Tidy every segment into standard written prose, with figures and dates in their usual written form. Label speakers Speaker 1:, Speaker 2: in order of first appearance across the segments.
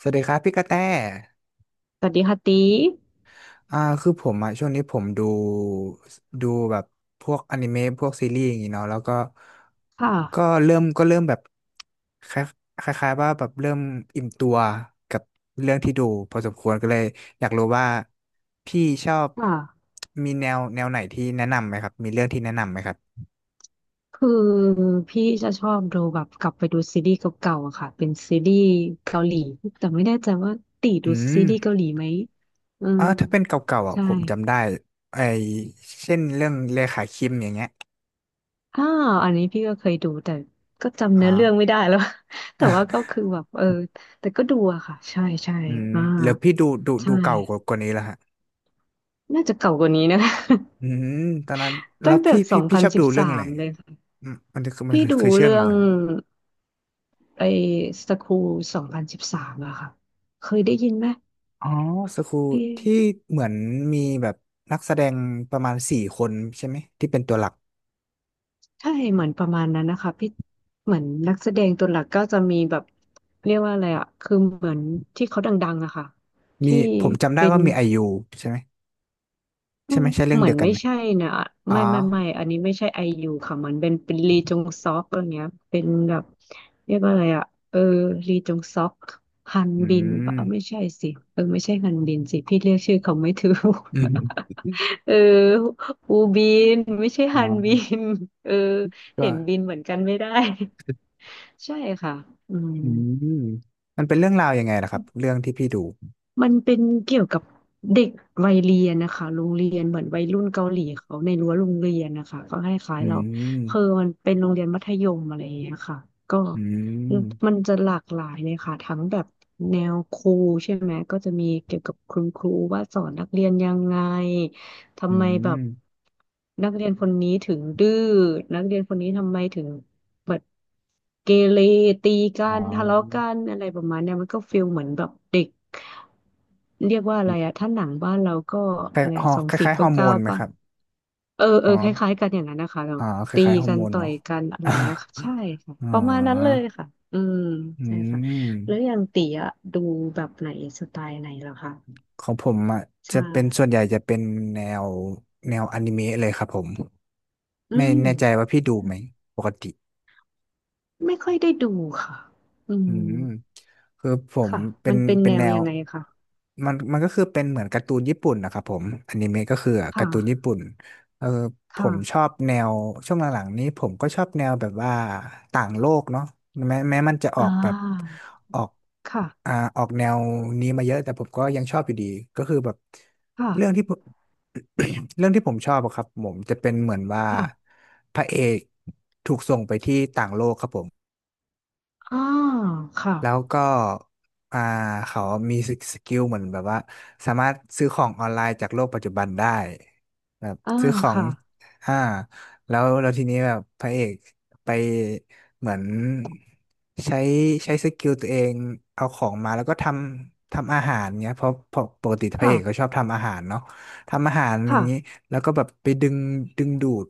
Speaker 1: สวัสดีครับพี่กระแต
Speaker 2: สวัสดีค่ะตี
Speaker 1: คือผมอ่ะช่วงนี้ผมดูแบบพวกอนิเมะพวกซีรีส์อย่างงี้เนาะแล้วก็
Speaker 2: ค่ะ
Speaker 1: ก็เริ่มแบบคลคล้ายๆว่าแบบเริ่มอิ่มตัวกับเรื่องที่ดูพอสมควรก็เลยอยากรู้ว่าพี่ชอบ
Speaker 2: ค่ะ
Speaker 1: มีแนวไหนที่แนะนำไหมครับมีเรื่องที่แนะนำไหมครับ
Speaker 2: คือพี่จะชอบดูแบบกลับไปดูซีรีส์เก่าๆอะค่ะเป็นซีรีส์เกาหลีแต่ไม่แน่ใจว่าตี
Speaker 1: อื
Speaker 2: ดูซีรีส์เกาห
Speaker 1: ม
Speaker 2: ลีไหมอืม
Speaker 1: ถ้าเป็นเก่าๆอ่ะ
Speaker 2: ใช่
Speaker 1: ผมจำได้ไอเช่นเรื่องเลขาคิมอย่างเงี้ย
Speaker 2: อ้าวอันนี้พี่ก็เคยดูแต่ก็จำ
Speaker 1: อ๋อ
Speaker 2: เนื้อเรื่องไม่ได้แล้ว แต่ว่าก็คือแบบแต่ก็ดูอะค่ะ ใช่ใช่
Speaker 1: อืม
Speaker 2: อ่า
Speaker 1: แล้วพี่ดู
Speaker 2: ใช่
Speaker 1: เก่ากว่านี้แล้วฮะ
Speaker 2: น่าจะเก่ากว่านี้นะ
Speaker 1: อืมตอนนั้น แล้
Speaker 2: ตั้
Speaker 1: ว
Speaker 2: งแต่
Speaker 1: พี่
Speaker 2: สอ
Speaker 1: พี่
Speaker 2: ง
Speaker 1: พี่
Speaker 2: พั
Speaker 1: ช
Speaker 2: น
Speaker 1: อบ
Speaker 2: สิ
Speaker 1: ดู
Speaker 2: บ
Speaker 1: เรื่
Speaker 2: สา
Speaker 1: องอะไร
Speaker 2: มเลยค่ะ
Speaker 1: อืมมันคือมัน
Speaker 2: พี่ดู
Speaker 1: คือเชื่อง
Speaker 2: เรื่อ
Speaker 1: อะ
Speaker 2: ง
Speaker 1: ไรนะ
Speaker 2: ไอ้สคูล2013อะค่ะเคยได้ยินไหม
Speaker 1: อ๋อสกู
Speaker 2: พี่
Speaker 1: ที่เหมือนมีแบบนักแสดงประมาณสี่คนใช่ไหมที่เป็นตัวหลัก
Speaker 2: ใช่เหมือนประมาณนั้นนะคะพี่เหมือนนักแสดงตัวหลักก็จะมีแบบเรียกว่าอะไรอะคือเหมือนที่เขาดังๆอะค่ะ
Speaker 1: มี
Speaker 2: ที่
Speaker 1: ผมจำได้
Speaker 2: เป็น
Speaker 1: ว่ามีไอยูใช่ไหม
Speaker 2: อืม
Speaker 1: ใช่เรื่อง
Speaker 2: เหมื
Speaker 1: เดี
Speaker 2: อ
Speaker 1: ย
Speaker 2: น
Speaker 1: วกัน
Speaker 2: ไม่
Speaker 1: ไหม
Speaker 2: ใช่นะ
Speaker 1: อ๋อ
Speaker 2: ไม่ไม่ไม่อันนี้ไม่ใช่ไอยูค่ะมันเป็นลีจงซอกอะไรเงี้ยเป็นแบบเรียกว่าอะไรอ่ะเออลีจงซอกฮัน
Speaker 1: อื
Speaker 2: บินปะ
Speaker 1: ม
Speaker 2: ไม่ใช่สิไม่ใช่ฮันบินสิพี่เรียกชื่อเขาไม่ถูก
Speaker 1: อืม
Speaker 2: เอออูบินไม่ใช่
Speaker 1: อ๋
Speaker 2: ฮันบิ
Speaker 1: อ
Speaker 2: นเออเห็
Speaker 1: ก็
Speaker 2: นบินเหมือนกันไม่ได้ ใช่ค่ะอืม
Speaker 1: อืมมันเป็นเรื่องราวยังไงล่ะครับเรื่องที่พี่ดู
Speaker 2: มันเป็นเกี่ยวกับเด็กวัยเรียนนะคะโรงเรียนเหมือนวัยรุ่นเกาหลีเขาในรั้วโรงเรียนนะคะก็ให้คล้าย
Speaker 1: อื
Speaker 2: ๆเรา
Speaker 1: ม
Speaker 2: คือมันเป็นโรงเรียนมัธยมอะไรอย่างเงี้ยค่ะก็
Speaker 1: อืม
Speaker 2: มันจะหลากหลายเลยค่ะทั้งแบบแนวครูใช่ไหมก็จะมีเกี่ยวกับคุณครูว่าสอนนักเรียนยังไง
Speaker 1: อื
Speaker 2: ทำไมแบ
Speaker 1: ม
Speaker 2: บนักเรียนคนนี้ถึงดื้อนักเรียนคนนี้ทำไมถึง แบบเกเรตีกั
Speaker 1: อ๋
Speaker 2: นทะเลาะกั
Speaker 1: อ
Speaker 2: นอะไรประมาณเนี้ยมันก็ฟีลเหมือนแบบเด็กเรียกว่าอะไรอะถ้าหนังบ้านเราก็อะไรสอง
Speaker 1: ค
Speaker 2: สี่
Speaker 1: ล้ายๆฮ
Speaker 2: เก้า
Speaker 1: อร์โม
Speaker 2: เก้า
Speaker 1: นไหม
Speaker 2: ป่ะ
Speaker 1: ครับ
Speaker 2: เออเอ
Speaker 1: อ๋
Speaker 2: อ
Speaker 1: อ
Speaker 2: คล้ายๆกันอย่างนั้นนะคะแบ
Speaker 1: อ๋
Speaker 2: บ
Speaker 1: อค
Speaker 2: ตี
Speaker 1: ล้ายๆฮอ
Speaker 2: กั
Speaker 1: ร์
Speaker 2: น
Speaker 1: โมน
Speaker 2: ต่อ
Speaker 1: เนาะ
Speaker 2: ยกันอะไรอย่างเงี้ยค่ะใช่ค่ะ
Speaker 1: อ๋
Speaker 2: ประมาณนั้นเล
Speaker 1: อ
Speaker 2: ยค่ะอืม
Speaker 1: อื
Speaker 2: ใช่ค่ะ
Speaker 1: ม
Speaker 2: แล้วอย่างตีอะดูแบบไหนสไตล์ไหนเหรอคะ
Speaker 1: ของผมอ่ะจะ
Speaker 2: ใช่
Speaker 1: เป็นส่วนใหญ่จะเป็นแนวแนวอนิเมะเลยครับผม
Speaker 2: อื
Speaker 1: ไม่
Speaker 2: ม
Speaker 1: แน่ใจว่าพี่ดูไหมปกติ
Speaker 2: ไม่ค่อยได้ดูค่ะอื
Speaker 1: อื
Speaker 2: ม
Speaker 1: มคือผม
Speaker 2: ค่ะ
Speaker 1: เป็
Speaker 2: มั
Speaker 1: น
Speaker 2: นเป็น
Speaker 1: เป็
Speaker 2: แน
Speaker 1: นแน
Speaker 2: ว
Speaker 1: ว
Speaker 2: ยังไงคะ
Speaker 1: มันก็คือเป็นเหมือนการ์ตูนญี่ปุ่นนะครับผมอนิเมะก็คือกา
Speaker 2: ค่ะ
Speaker 1: ร์ตูนญี่ปุ่นเออผมช
Speaker 2: ค่ะ
Speaker 1: อบแนวช่วงหลังๆนี้ผมก็ชอบแนวแบบว่าต่างโลกเนาะแม้มันจะออ
Speaker 2: อ่า
Speaker 1: กแบบออก
Speaker 2: ค่ะ
Speaker 1: ออกแนวนี้มาเยอะแต่ผมก็ยังชอบอยู่ดีก็คือแบบ
Speaker 2: ค่ะ
Speaker 1: เรื่องที่ผม เรื่องที่ผมชอบอะครับผมจะเป็นเหมือนว่า
Speaker 2: ค่ะ
Speaker 1: พระเอกถูกส่งไปที่ต่างโลกครับผม
Speaker 2: อ่าค่ะ
Speaker 1: แล้วก็อ่าเขามีสกิลเหมือนแบบว่าสามารถซื้อของออนไลน์จากโลกปัจจุบันได้แบบ
Speaker 2: อ่า
Speaker 1: ซื้อของ
Speaker 2: ค่ะ
Speaker 1: อ่าแล้วทีนี้แบบพระเอกไปเหมือนใช้ใช้สกิลตัวเองเอาของมาแล้วก็ทำอาหารเงี้ยเพราะปกติพระเอ
Speaker 2: ค่ะ
Speaker 1: กก็ชอบทำอาหารเนาะทำอาหารอย่า
Speaker 2: ค่ะ
Speaker 1: งนี้แล้วก็แบบไปดึงดูด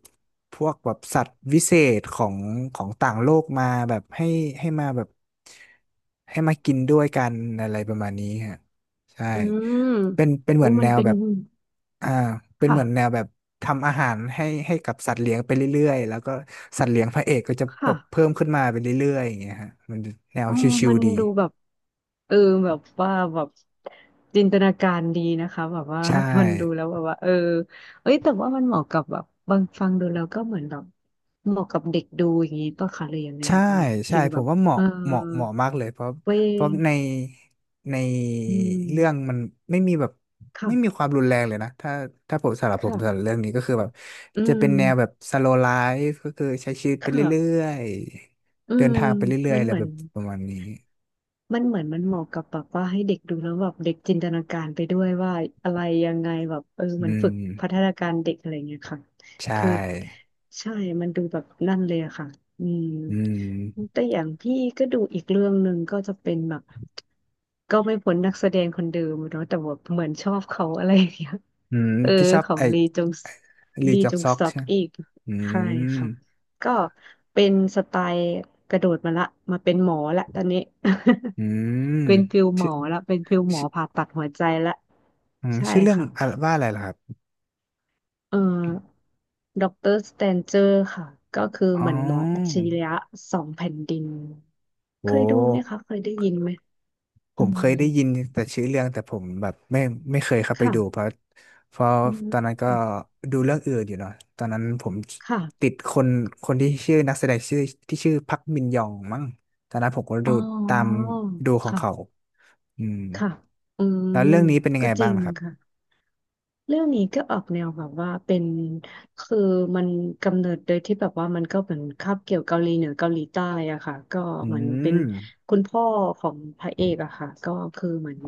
Speaker 1: พวกแบบสัตว์วิเศษของของต่างโลกมาแบบให้ให้มาแบบให้มากินด้วยกันอะไรประมาณนี้ฮะใช่
Speaker 2: อืม
Speaker 1: เป็นเห
Speaker 2: โอ้
Speaker 1: มือน
Speaker 2: มั
Speaker 1: แน
Speaker 2: น
Speaker 1: ว
Speaker 2: เป็น
Speaker 1: แบบอ่าเป็นเหมือนแนว
Speaker 2: ค่ะ
Speaker 1: แบบทำอาหารให้กับสัตว์เลี้ยงไปเรื่อยๆแล้วก็สัตว์เลี้ยงพระเอกก็จะแบ
Speaker 2: ค่ะ
Speaker 1: บเพิ่มขึ้นมาไปเรื่อยๆอย่างเงี้ยฮะมันแนว
Speaker 2: อ๋อ
Speaker 1: ชิว
Speaker 2: มัน
Speaker 1: ๆดี
Speaker 2: ดูแบบเออแบบว่าแบบจินตนาการดีนะคะแบบว่า
Speaker 1: ใช่
Speaker 2: คนดูแล้วแบบว่าเออเอ้ยแต่ว่ามันเหมาะกับแบบบางฟังดูแล้วก็เหมือนแบบเหมาะกับเด็กดูอย่างนี้ป่ะคะหรือยังไง
Speaker 1: ใช่
Speaker 2: เหมือน
Speaker 1: ใช่
Speaker 2: ฟิล
Speaker 1: ผ
Speaker 2: แบ
Speaker 1: ม
Speaker 2: บ
Speaker 1: ว่า
Speaker 2: เออ
Speaker 1: เหมาะมากเลยเพราะ
Speaker 2: เว้ย
Speaker 1: เพราะในใน
Speaker 2: อื
Speaker 1: เรื่อง
Speaker 2: ม
Speaker 1: มันไม่มีแบบไม่มีค
Speaker 2: ค่ะ
Speaker 1: วามรุนแรงเลยนะถ้าถ้าผมสำหรับผมสำหรับ
Speaker 2: ค่ะ
Speaker 1: เรื่องนี้ก็คือแบบ
Speaker 2: อื
Speaker 1: จะเป็นแนวแบ
Speaker 2: ม
Speaker 1: บสโล w l ไลฟ์ก็คือใช้ชีวิต
Speaker 2: ค
Speaker 1: ไปเรื่
Speaker 2: ่ะ
Speaker 1: อย
Speaker 2: อื
Speaker 1: ๆเดิน
Speaker 2: ม
Speaker 1: ทางไปเรื่อย
Speaker 2: มั
Speaker 1: ๆ
Speaker 2: น
Speaker 1: อะไร
Speaker 2: เหมื
Speaker 1: แบ
Speaker 2: อน
Speaker 1: บประมาณนี้
Speaker 2: มันเหมือนมันเหมาะกับแบบว่าให้เด็กดูแล้วแบบเด็กจินตนาการไปด้วยว่าอะไรยังไงแบบเออ
Speaker 1: อื
Speaker 2: เหมันฝึกพัฒ
Speaker 1: ม
Speaker 2: นาการเด็กอะไรเงี้ยค่ะ
Speaker 1: ใช
Speaker 2: คือ
Speaker 1: ่
Speaker 2: ใช่มันดูแบบนั่นเลยอะค่ะอืม
Speaker 1: อืม
Speaker 2: แต่อย่างพี่ก็ดูอีกเรื่องหนึ่งก็จะเป็นแบบก็ไม่พ้นนักแสดงคนเดิมเนาะแต่ว่าเหมือนชอบเขาอะไรอย่างเงี้ย
Speaker 1: อืม
Speaker 2: เออ
Speaker 1: พี่ชอบ
Speaker 2: ของ
Speaker 1: ไอ้
Speaker 2: ลีจง
Speaker 1: ลี
Speaker 2: ลี
Speaker 1: จอ
Speaker 2: จ
Speaker 1: ก
Speaker 2: ง
Speaker 1: ซอก
Speaker 2: ซอก
Speaker 1: ใช่ไหม
Speaker 2: อีก
Speaker 1: อื
Speaker 2: ใช่
Speaker 1: ม
Speaker 2: ค่ะ ก็เป็นสไตล์กระโดดมาละมาเป็นหมอละตอนนี้
Speaker 1: อืม
Speaker 2: เป็นฟิลหม
Speaker 1: ชื่อ
Speaker 2: อละเป็นฟิลหมอ
Speaker 1: ชื่อ
Speaker 2: ผ่าตัดหัวใจละ
Speaker 1: อืม
Speaker 2: ใช่
Speaker 1: ชื่อเรื่อง
Speaker 2: ค่ะ
Speaker 1: อะไรว่าอะไรล่ะครับ
Speaker 2: เอ่อด็อกเตอร์สแตนเจอร์ค่ะก็คือ
Speaker 1: อ๋
Speaker 2: เหมือนหมออัจฉ
Speaker 1: อ
Speaker 2: ริยะสองแผ่นดินเค
Speaker 1: โอ้
Speaker 2: ยดูไหมคะเคยได้ยินไหม
Speaker 1: ผ
Speaker 2: อื
Speaker 1: มเค
Speaker 2: ม
Speaker 1: ยได้ยินแต่ชื่อเรื่องแต่ผมแบบไม่เคยเข้าไปดูเพ
Speaker 2: ค่ะ
Speaker 1: ราะเพราะ
Speaker 2: อื
Speaker 1: ตอนนั้นก็
Speaker 2: ม
Speaker 1: ดูเรื่องอื่นอยู่เนาะตอนนั้นผมติ
Speaker 2: ค่ะ
Speaker 1: ดคนคนที่ชื่อนักแสดงชื่อที่ชื่อพักมินยองมั้งตอนนั้นผมก็
Speaker 2: อ๋
Speaker 1: ดูตาม
Speaker 2: อ
Speaker 1: ดูของเขา
Speaker 2: ค่ะ
Speaker 1: อืม
Speaker 2: ค่ะอืม
Speaker 1: แล้วเรื่องนี้เป็นยัง
Speaker 2: ก็
Speaker 1: ไง
Speaker 2: จ
Speaker 1: บ้า
Speaker 2: ริ
Speaker 1: ง
Speaker 2: ง
Speaker 1: นะครับ
Speaker 2: ค่ะ เรื่องนี้ก็ออกแนวแบบว่าเป็นคือมันกำเนิดโดยที่แบบว่ามันก็เหมือนคาบเกี่ยวเกาหลีเหนือเกาหลีใต้อะค่ะก็
Speaker 1: อื
Speaker 2: เหมือนเป็น
Speaker 1: ม
Speaker 2: คุณพ่อของพระเอกอะค่ะก็คือเหมือน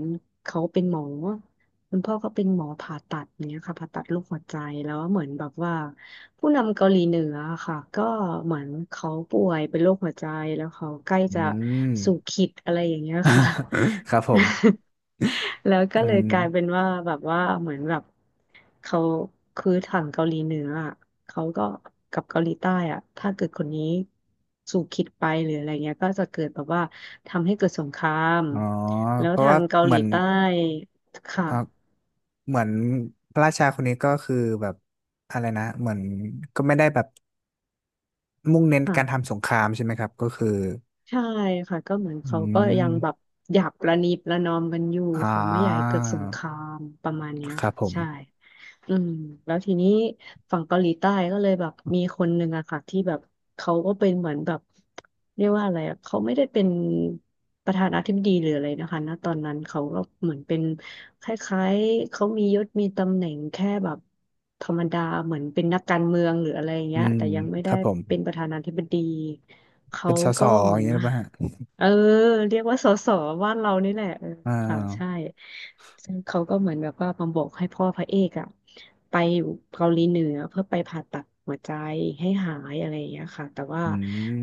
Speaker 2: เขาเป็นหมอคุณพ่อก็เป็นหมอผ่าตัดเนี้ยค่ะผ่าตัดลูกหัวใจแล้วเหมือนแบบว่าผู้นำเกาหลีเหนืออะค่ะก็เหมือนเขาป่วยเป็นโรคหัวใจแล้วเขาใกล้
Speaker 1: อื
Speaker 2: จะ
Speaker 1: ม
Speaker 2: สู่ขีดอะไรอย่างเงี้ยค่ะ
Speaker 1: ครับผม
Speaker 2: แล้วก็
Speaker 1: อื
Speaker 2: เลย
Speaker 1: ม
Speaker 2: กลายเป็นว่าแบบว่าเหมือนแบบเขาคือทางเกาหลีเหนืออะเขาก็กับเกาหลีใต้อ่ะถ้าเกิดคนนี้สู่คิดไปหรืออะไรเงี้ยก็จะเกิดแบบว่าทำให้เกิดสงคราม
Speaker 1: อ๋อ
Speaker 2: แล้ว
Speaker 1: เพราะ
Speaker 2: ทา
Speaker 1: ว่า
Speaker 2: งเกา
Speaker 1: เห
Speaker 2: ห
Speaker 1: มื
Speaker 2: ลี
Speaker 1: อน
Speaker 2: ใต้ค่ะ
Speaker 1: อ่ะเหมือนพระราชาคนนี้ก็คือแบบอะไรนะเหมือนก็ไม่ได้แบบมุ่งเน้นการ
Speaker 2: ค่ะ
Speaker 1: ทำสงครามใช่ไหมครับก็คือ
Speaker 2: ใช่ค่ะก็เหมือน
Speaker 1: อื
Speaker 2: เขาก็ยังแบบ
Speaker 1: ม
Speaker 2: หยาบประนีประนอมกันอยู่
Speaker 1: อ่า
Speaker 2: เขาไม่อยากให้เกิดสงครามประมาณเนี้ย
Speaker 1: ครับ
Speaker 2: ค่ะ
Speaker 1: ผม
Speaker 2: ใช่ อืมแล้วทีนี้ฝั่งเกาหลีใต้ก็เลยแบบมีคนหนึ่งอะค่ะที่แบบเขาก็เป็นเหมือนแบบเรียกว่าอะไรอะเขาไม่ได้เป็นประธานาธิบดีหรืออะไรนะคะณตอนนั้นเขาก็เหมือนเป็นคล้ายๆเขามียศมีตำแหน่งแค่แบบธรรมดาเหมือนเป็นนักการเมืองหรืออะไรอย่าง
Speaker 1: อื
Speaker 2: เงี้ย
Speaker 1: ม
Speaker 2: แต่ยังไม่
Speaker 1: ค
Speaker 2: ได้
Speaker 1: รับผม
Speaker 2: เป็นประธานาธิบดีเขา
Speaker 1: เป็นสส
Speaker 2: ก็เห
Speaker 1: อ
Speaker 2: มือ
Speaker 1: ย่าง
Speaker 2: น
Speaker 1: เงี้ยห
Speaker 2: มา
Speaker 1: รือเปล่าฮะ
Speaker 2: เออเรียกว่าสสบ้านเรานี่แหละเออ
Speaker 1: อ่า
Speaker 2: ค่ะใช่ ซึ่งเขาก็เหมือนแบบว่ามาบอกให้พ่อพระเอกอะไปอยู่เกาหลีเหนือเพื่อไปผ่าตัดหัวใจให้หายอะไรอย่างเงี้ยค่ะแต่ว่า
Speaker 1: อื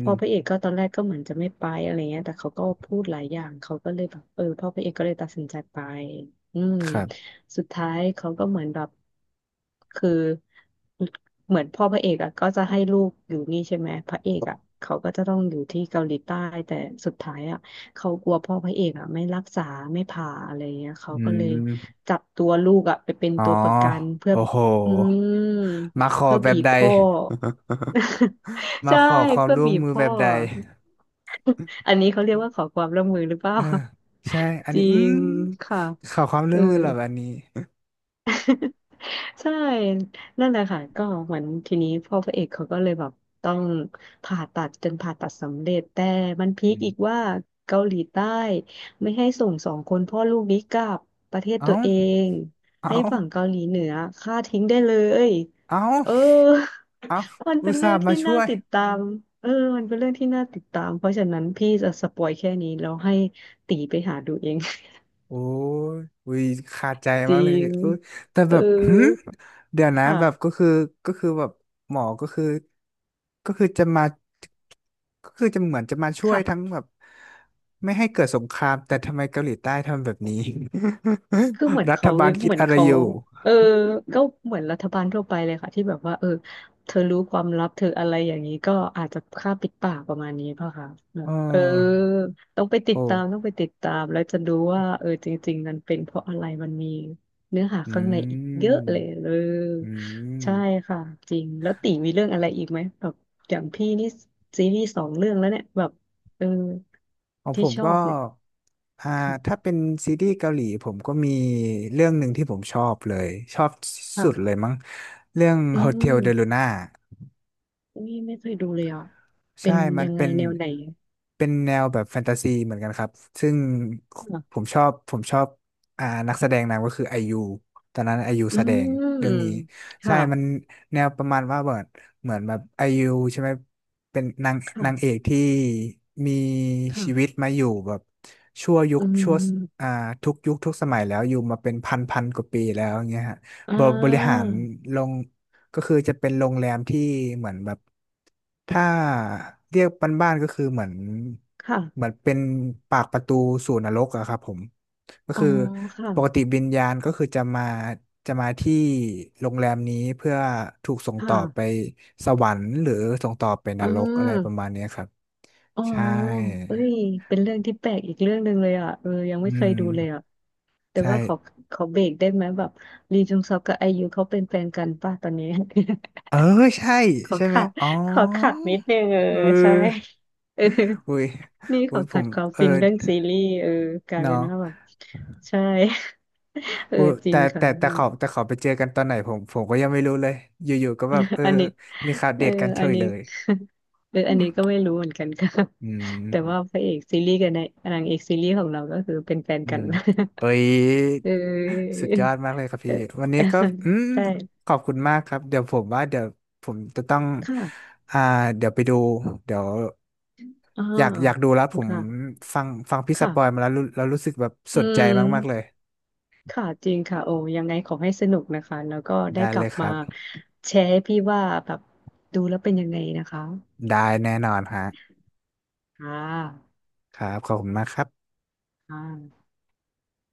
Speaker 2: พ่อพระเอกก็ตอนแรกก็เหมือนจะไม่ไปอะไรเงี้ยแต่เขาก็พูดหลายอย่างเขาก็เลยแบบพ่อพระเอกก็เลยตัดสินใจไปอืม
Speaker 1: ครับ
Speaker 2: สุดท้ายเขาก็เหมือนแบบคือเหมือนพ่อพระเอกอะก็จะให้ลูกอยู่นี่ใช่ไหมพระเอกอะเขาก็จะต้องอยู่ที่เกาหลีใต้แต่สุดท้ายอะ เขากลัวพ่อพระเอกอ่ะไม่รักษาไม่ผ่าอะไรเงี้ยเขา
Speaker 1: อื
Speaker 2: ก็เลย
Speaker 1: ม
Speaker 2: จับตัวลูกอ่ะไปเป็น
Speaker 1: อ๋อ
Speaker 2: ตัวประกันเพื่อ
Speaker 1: โอ้โห
Speaker 2: อืม
Speaker 1: มาขอ
Speaker 2: เพื่อ
Speaker 1: แบ
Speaker 2: บี
Speaker 1: บ
Speaker 2: บ
Speaker 1: ใด
Speaker 2: พ่อ
Speaker 1: มา
Speaker 2: ใช่
Speaker 1: ขอความ
Speaker 2: เพื่อ
Speaker 1: ร่วม
Speaker 2: บีบ
Speaker 1: มือแบ
Speaker 2: พ่อ
Speaker 1: บใด
Speaker 2: อันนี้เขาเรียกว่าขอความร่วมมือหรือเปล่า
Speaker 1: เออใช่อัน
Speaker 2: จ
Speaker 1: นี้
Speaker 2: ริ
Speaker 1: อืม
Speaker 2: งค่ะ
Speaker 1: ขอความ
Speaker 2: เอ
Speaker 1: ร่ว
Speaker 2: อ
Speaker 1: มมือเหรอแบบนี้
Speaker 2: ใช่นั่นแหละค่ะก็เหมือนทีนี้พ่อพระเอกเขาก็เลยแบบต้องผ่าตัดจนผ่าตัดสำเร็จแต่มันพี
Speaker 1: อื
Speaker 2: คอีก
Speaker 1: ม
Speaker 2: ว่าเกาหลีใต้ไม่ให้ส่งสองคนพ่อลูกนี้กลับประเทศตั
Speaker 1: เอ้า
Speaker 2: วเอง
Speaker 1: เอ้า
Speaker 2: ให้ฝั่งเกาหลีเหนือฆ่าทิ้งได้เลย
Speaker 1: เอ้า
Speaker 2: เออ
Speaker 1: เอ้า
Speaker 2: มัน
Speaker 1: อุ
Speaker 2: เป็น
Speaker 1: ต
Speaker 2: เรื่
Speaker 1: ส่า
Speaker 2: อง
Speaker 1: ห์มา
Speaker 2: ที่
Speaker 1: ช่
Speaker 2: น่า
Speaker 1: วย
Speaker 2: ติดตามเออมันเป็นเรื่องที่น่าติดตามเพราะฉะนั้นพี่จะสปอยแค่นี้แล้วให้ตีไปหาดูเอง
Speaker 1: โอ้ยอุ้ยขาดใจ
Speaker 2: จ
Speaker 1: มา
Speaker 2: ริ
Speaker 1: กเลย
Speaker 2: ง
Speaker 1: เอ้ยแต่
Speaker 2: เอ
Speaker 1: แบ
Speaker 2: อ
Speaker 1: บหมเดี๋ยวนะแบบก็
Speaker 2: ค่ะ
Speaker 1: คือก็คือแบบหมอก็คือก็คือจะมาก็คือจะเหมือนจะมาช่วย
Speaker 2: ค่ะ
Speaker 1: ทั้งแบบไม่ให้เกิดสงครามแต่ทำไมเกาหลีใต้ทำแบบนี้
Speaker 2: คือเหมือน
Speaker 1: รัฐ
Speaker 2: เขา
Speaker 1: บาลคิ
Speaker 2: เห
Speaker 1: ด
Speaker 2: มือน
Speaker 1: อะไร
Speaker 2: เขา
Speaker 1: อยู่
Speaker 2: เออก็เหมือนรัฐบาลทั่วไปเลยค่ะที่แบบว่าเออเธอรู้ความลับเธออะไรอย่างนี้ก็อาจจะฆ่าปิดปากประมาณนี้ป่ะคะแบ
Speaker 1: เ
Speaker 2: บเออ
Speaker 1: ออ
Speaker 2: ต้องไปติด
Speaker 1: โอ้
Speaker 2: ตามต้องไปติดตามแล้วจะรู้ว่าเออจริงๆมันเป็นเพราะอะไรมันมีเนื้อหา
Speaker 1: อื
Speaker 2: ข้างในอีก
Speaker 1: ม
Speaker 2: เยอะเลยเออ
Speaker 1: อืม
Speaker 2: ใช่ค่ะจริงแล้วตีมีเรื่องอะไรอีกไหมแบบอย่างพี่นี่ซีรีส์สองเรื่องแล้วเนี่ยแบบเออ
Speaker 1: ของผ
Speaker 2: ที่
Speaker 1: ม
Speaker 2: ชอ
Speaker 1: ก็
Speaker 2: บเนี่ย
Speaker 1: อ่าถ้า
Speaker 2: ค่ะ
Speaker 1: เป็นซีรีส์เกาหลีผมก็มีเรื่องหนึ่งที่ผมชอบเลยชอบสุดเลย
Speaker 2: ค่ะ
Speaker 1: มั้งเรื่อง
Speaker 2: อื
Speaker 1: Hotel de
Speaker 2: ม
Speaker 1: Luna
Speaker 2: อุ้ยไม่เคยดูเลยอ่ะเป็
Speaker 1: ใช่
Speaker 2: น
Speaker 1: มั
Speaker 2: ยั
Speaker 1: น
Speaker 2: งไง
Speaker 1: เป็น
Speaker 2: แนวไหน
Speaker 1: แนวแบบแฟนตาซีเหมือนกันครับซึ่ง
Speaker 2: ค่ะ
Speaker 1: ผมชอบนักแสดงนำก็คือไอยู ตอนนั้นไอยู
Speaker 2: อื
Speaker 1: แสดงเรื่องนี้
Speaker 2: ม
Speaker 1: ใช่มัน
Speaker 2: ค่ะ
Speaker 1: แนวประมาณว่าเหมือนเหมือนแบบไอยูใช่ไหมเป็นนางเอ
Speaker 2: ค่ะ
Speaker 1: กที่มี
Speaker 2: ค่ะ
Speaker 1: ชีวิตมาอยู่แบบชั่วยุ
Speaker 2: อื
Speaker 1: คชั่วอ่า
Speaker 2: ม
Speaker 1: ทุกยุคทุกสมัยแล้วอยู่มาเป็น1,000 กว่าปีแล้วอย่างเงี้ยฮะ
Speaker 2: อ่
Speaker 1: บริหา
Speaker 2: า
Speaker 1: รลงก็คือจะเป็นโรงแรมที่เหมือนแบบ ถ้าเรียกบ้านๆก็คือเหมือน
Speaker 2: ค่ะ
Speaker 1: เป็นปากประตูสู่นรกอะครับผมก็
Speaker 2: อ๋อ
Speaker 1: คือ
Speaker 2: ค่ะ
Speaker 1: ปกติวิญญาณก็คือจะมาที่โรงแรมนี้เพื่อถูกส่งต่อไป
Speaker 2: ค่ะ
Speaker 1: สวรรค์หรือส่งต่อไปน
Speaker 2: อื
Speaker 1: รกอะไรประมาณ
Speaker 2: ม
Speaker 1: เนี้ยครับ
Speaker 2: อ๋อ
Speaker 1: ใช่
Speaker 2: เอ้ยเป็นเรื่องที่แปลกอีกเรื่องหนึ่งเลยอ่ะเออยัง
Speaker 1: อื
Speaker 2: ไม่เคยดูเลย
Speaker 1: ม
Speaker 2: อ่ะแต่
Speaker 1: ใช่
Speaker 2: ว่าขอขอเบรกได้ไหมแบบลีจุงซอกกับไอยูเขาเป็นแฟนกันป่ะตอนนี้
Speaker 1: เออใช่
Speaker 2: ขอ
Speaker 1: ใช่ไหม
Speaker 2: ขัด
Speaker 1: อ๋อ
Speaker 2: ขอขัดนิดนึงเออ
Speaker 1: เ
Speaker 2: ใช่
Speaker 1: ออ
Speaker 2: เออ
Speaker 1: อุ้ย
Speaker 2: นี่ข
Speaker 1: อุ้
Speaker 2: อ
Speaker 1: ยผ
Speaker 2: ขัด
Speaker 1: ม
Speaker 2: ความ
Speaker 1: เออ
Speaker 2: ฟินเรื่องซีรีส์เออกลาย
Speaker 1: เนาะ
Speaker 2: เป็นว่าแบบใช่ เออ
Speaker 1: โอ้
Speaker 2: จริ
Speaker 1: แต่
Speaker 2: งค่ะ
Speaker 1: แต่แต่เขา
Speaker 2: อ
Speaker 1: แต่เขาไปเจอกันตอนไหนผมก็ยังไม่รู้เลยอยู่ๆก็แบบเออ
Speaker 2: ันนี้
Speaker 1: มีข่าว
Speaker 2: เอ
Speaker 1: เด
Speaker 2: อ
Speaker 1: ทกันเฉ
Speaker 2: อัน
Speaker 1: ย
Speaker 2: นี้
Speaker 1: เลย
Speaker 2: เออ
Speaker 1: อื
Speaker 2: อัน
Speaker 1: ม
Speaker 2: นี้ก็ไม่รู้เหมือนกันค่ะ แต่ว่าพระเอกซีรีส์กับนางเอกซีรีส์ของเราก็คือเป็นแฟน
Speaker 1: อื
Speaker 2: กัน
Speaker 1: มเฮ้ย
Speaker 2: เออ
Speaker 1: สุดยอดมากเลยครับ
Speaker 2: เอ
Speaker 1: พี่วันนี้
Speaker 2: อ
Speaker 1: ก็อืม
Speaker 2: ใช่
Speaker 1: ขอบคุณมากครับเดี๋ยวผมว่าเดี๋ยวผมจะต้อง
Speaker 2: ค่ะ
Speaker 1: อ่าเดี๋ยวไปดูเดี๋ยว
Speaker 2: อ๋อ
Speaker 1: อยากดูแล้วผม
Speaker 2: ค่ะ
Speaker 1: ฟังพี่ส
Speaker 2: ค่ะ
Speaker 1: ปอยมาแล้วรู้สึกแบบส
Speaker 2: อื
Speaker 1: นใจมากๆเลย
Speaker 2: ม ค่ะจริงค่ะโอ้ยังไงขอให้สนุกนะคะแล้วก็ได้
Speaker 1: ได้
Speaker 2: ก
Speaker 1: เล
Speaker 2: ลับ
Speaker 1: ยค
Speaker 2: มา
Speaker 1: รับ
Speaker 2: แชร์ให้พี่ว่าแบบดูแล้วเป็นยังไงนะคะ
Speaker 1: ได้แน่นอนฮะ
Speaker 2: ค่ะ
Speaker 1: ครับขอบคุณมากครับ
Speaker 2: ค่ะ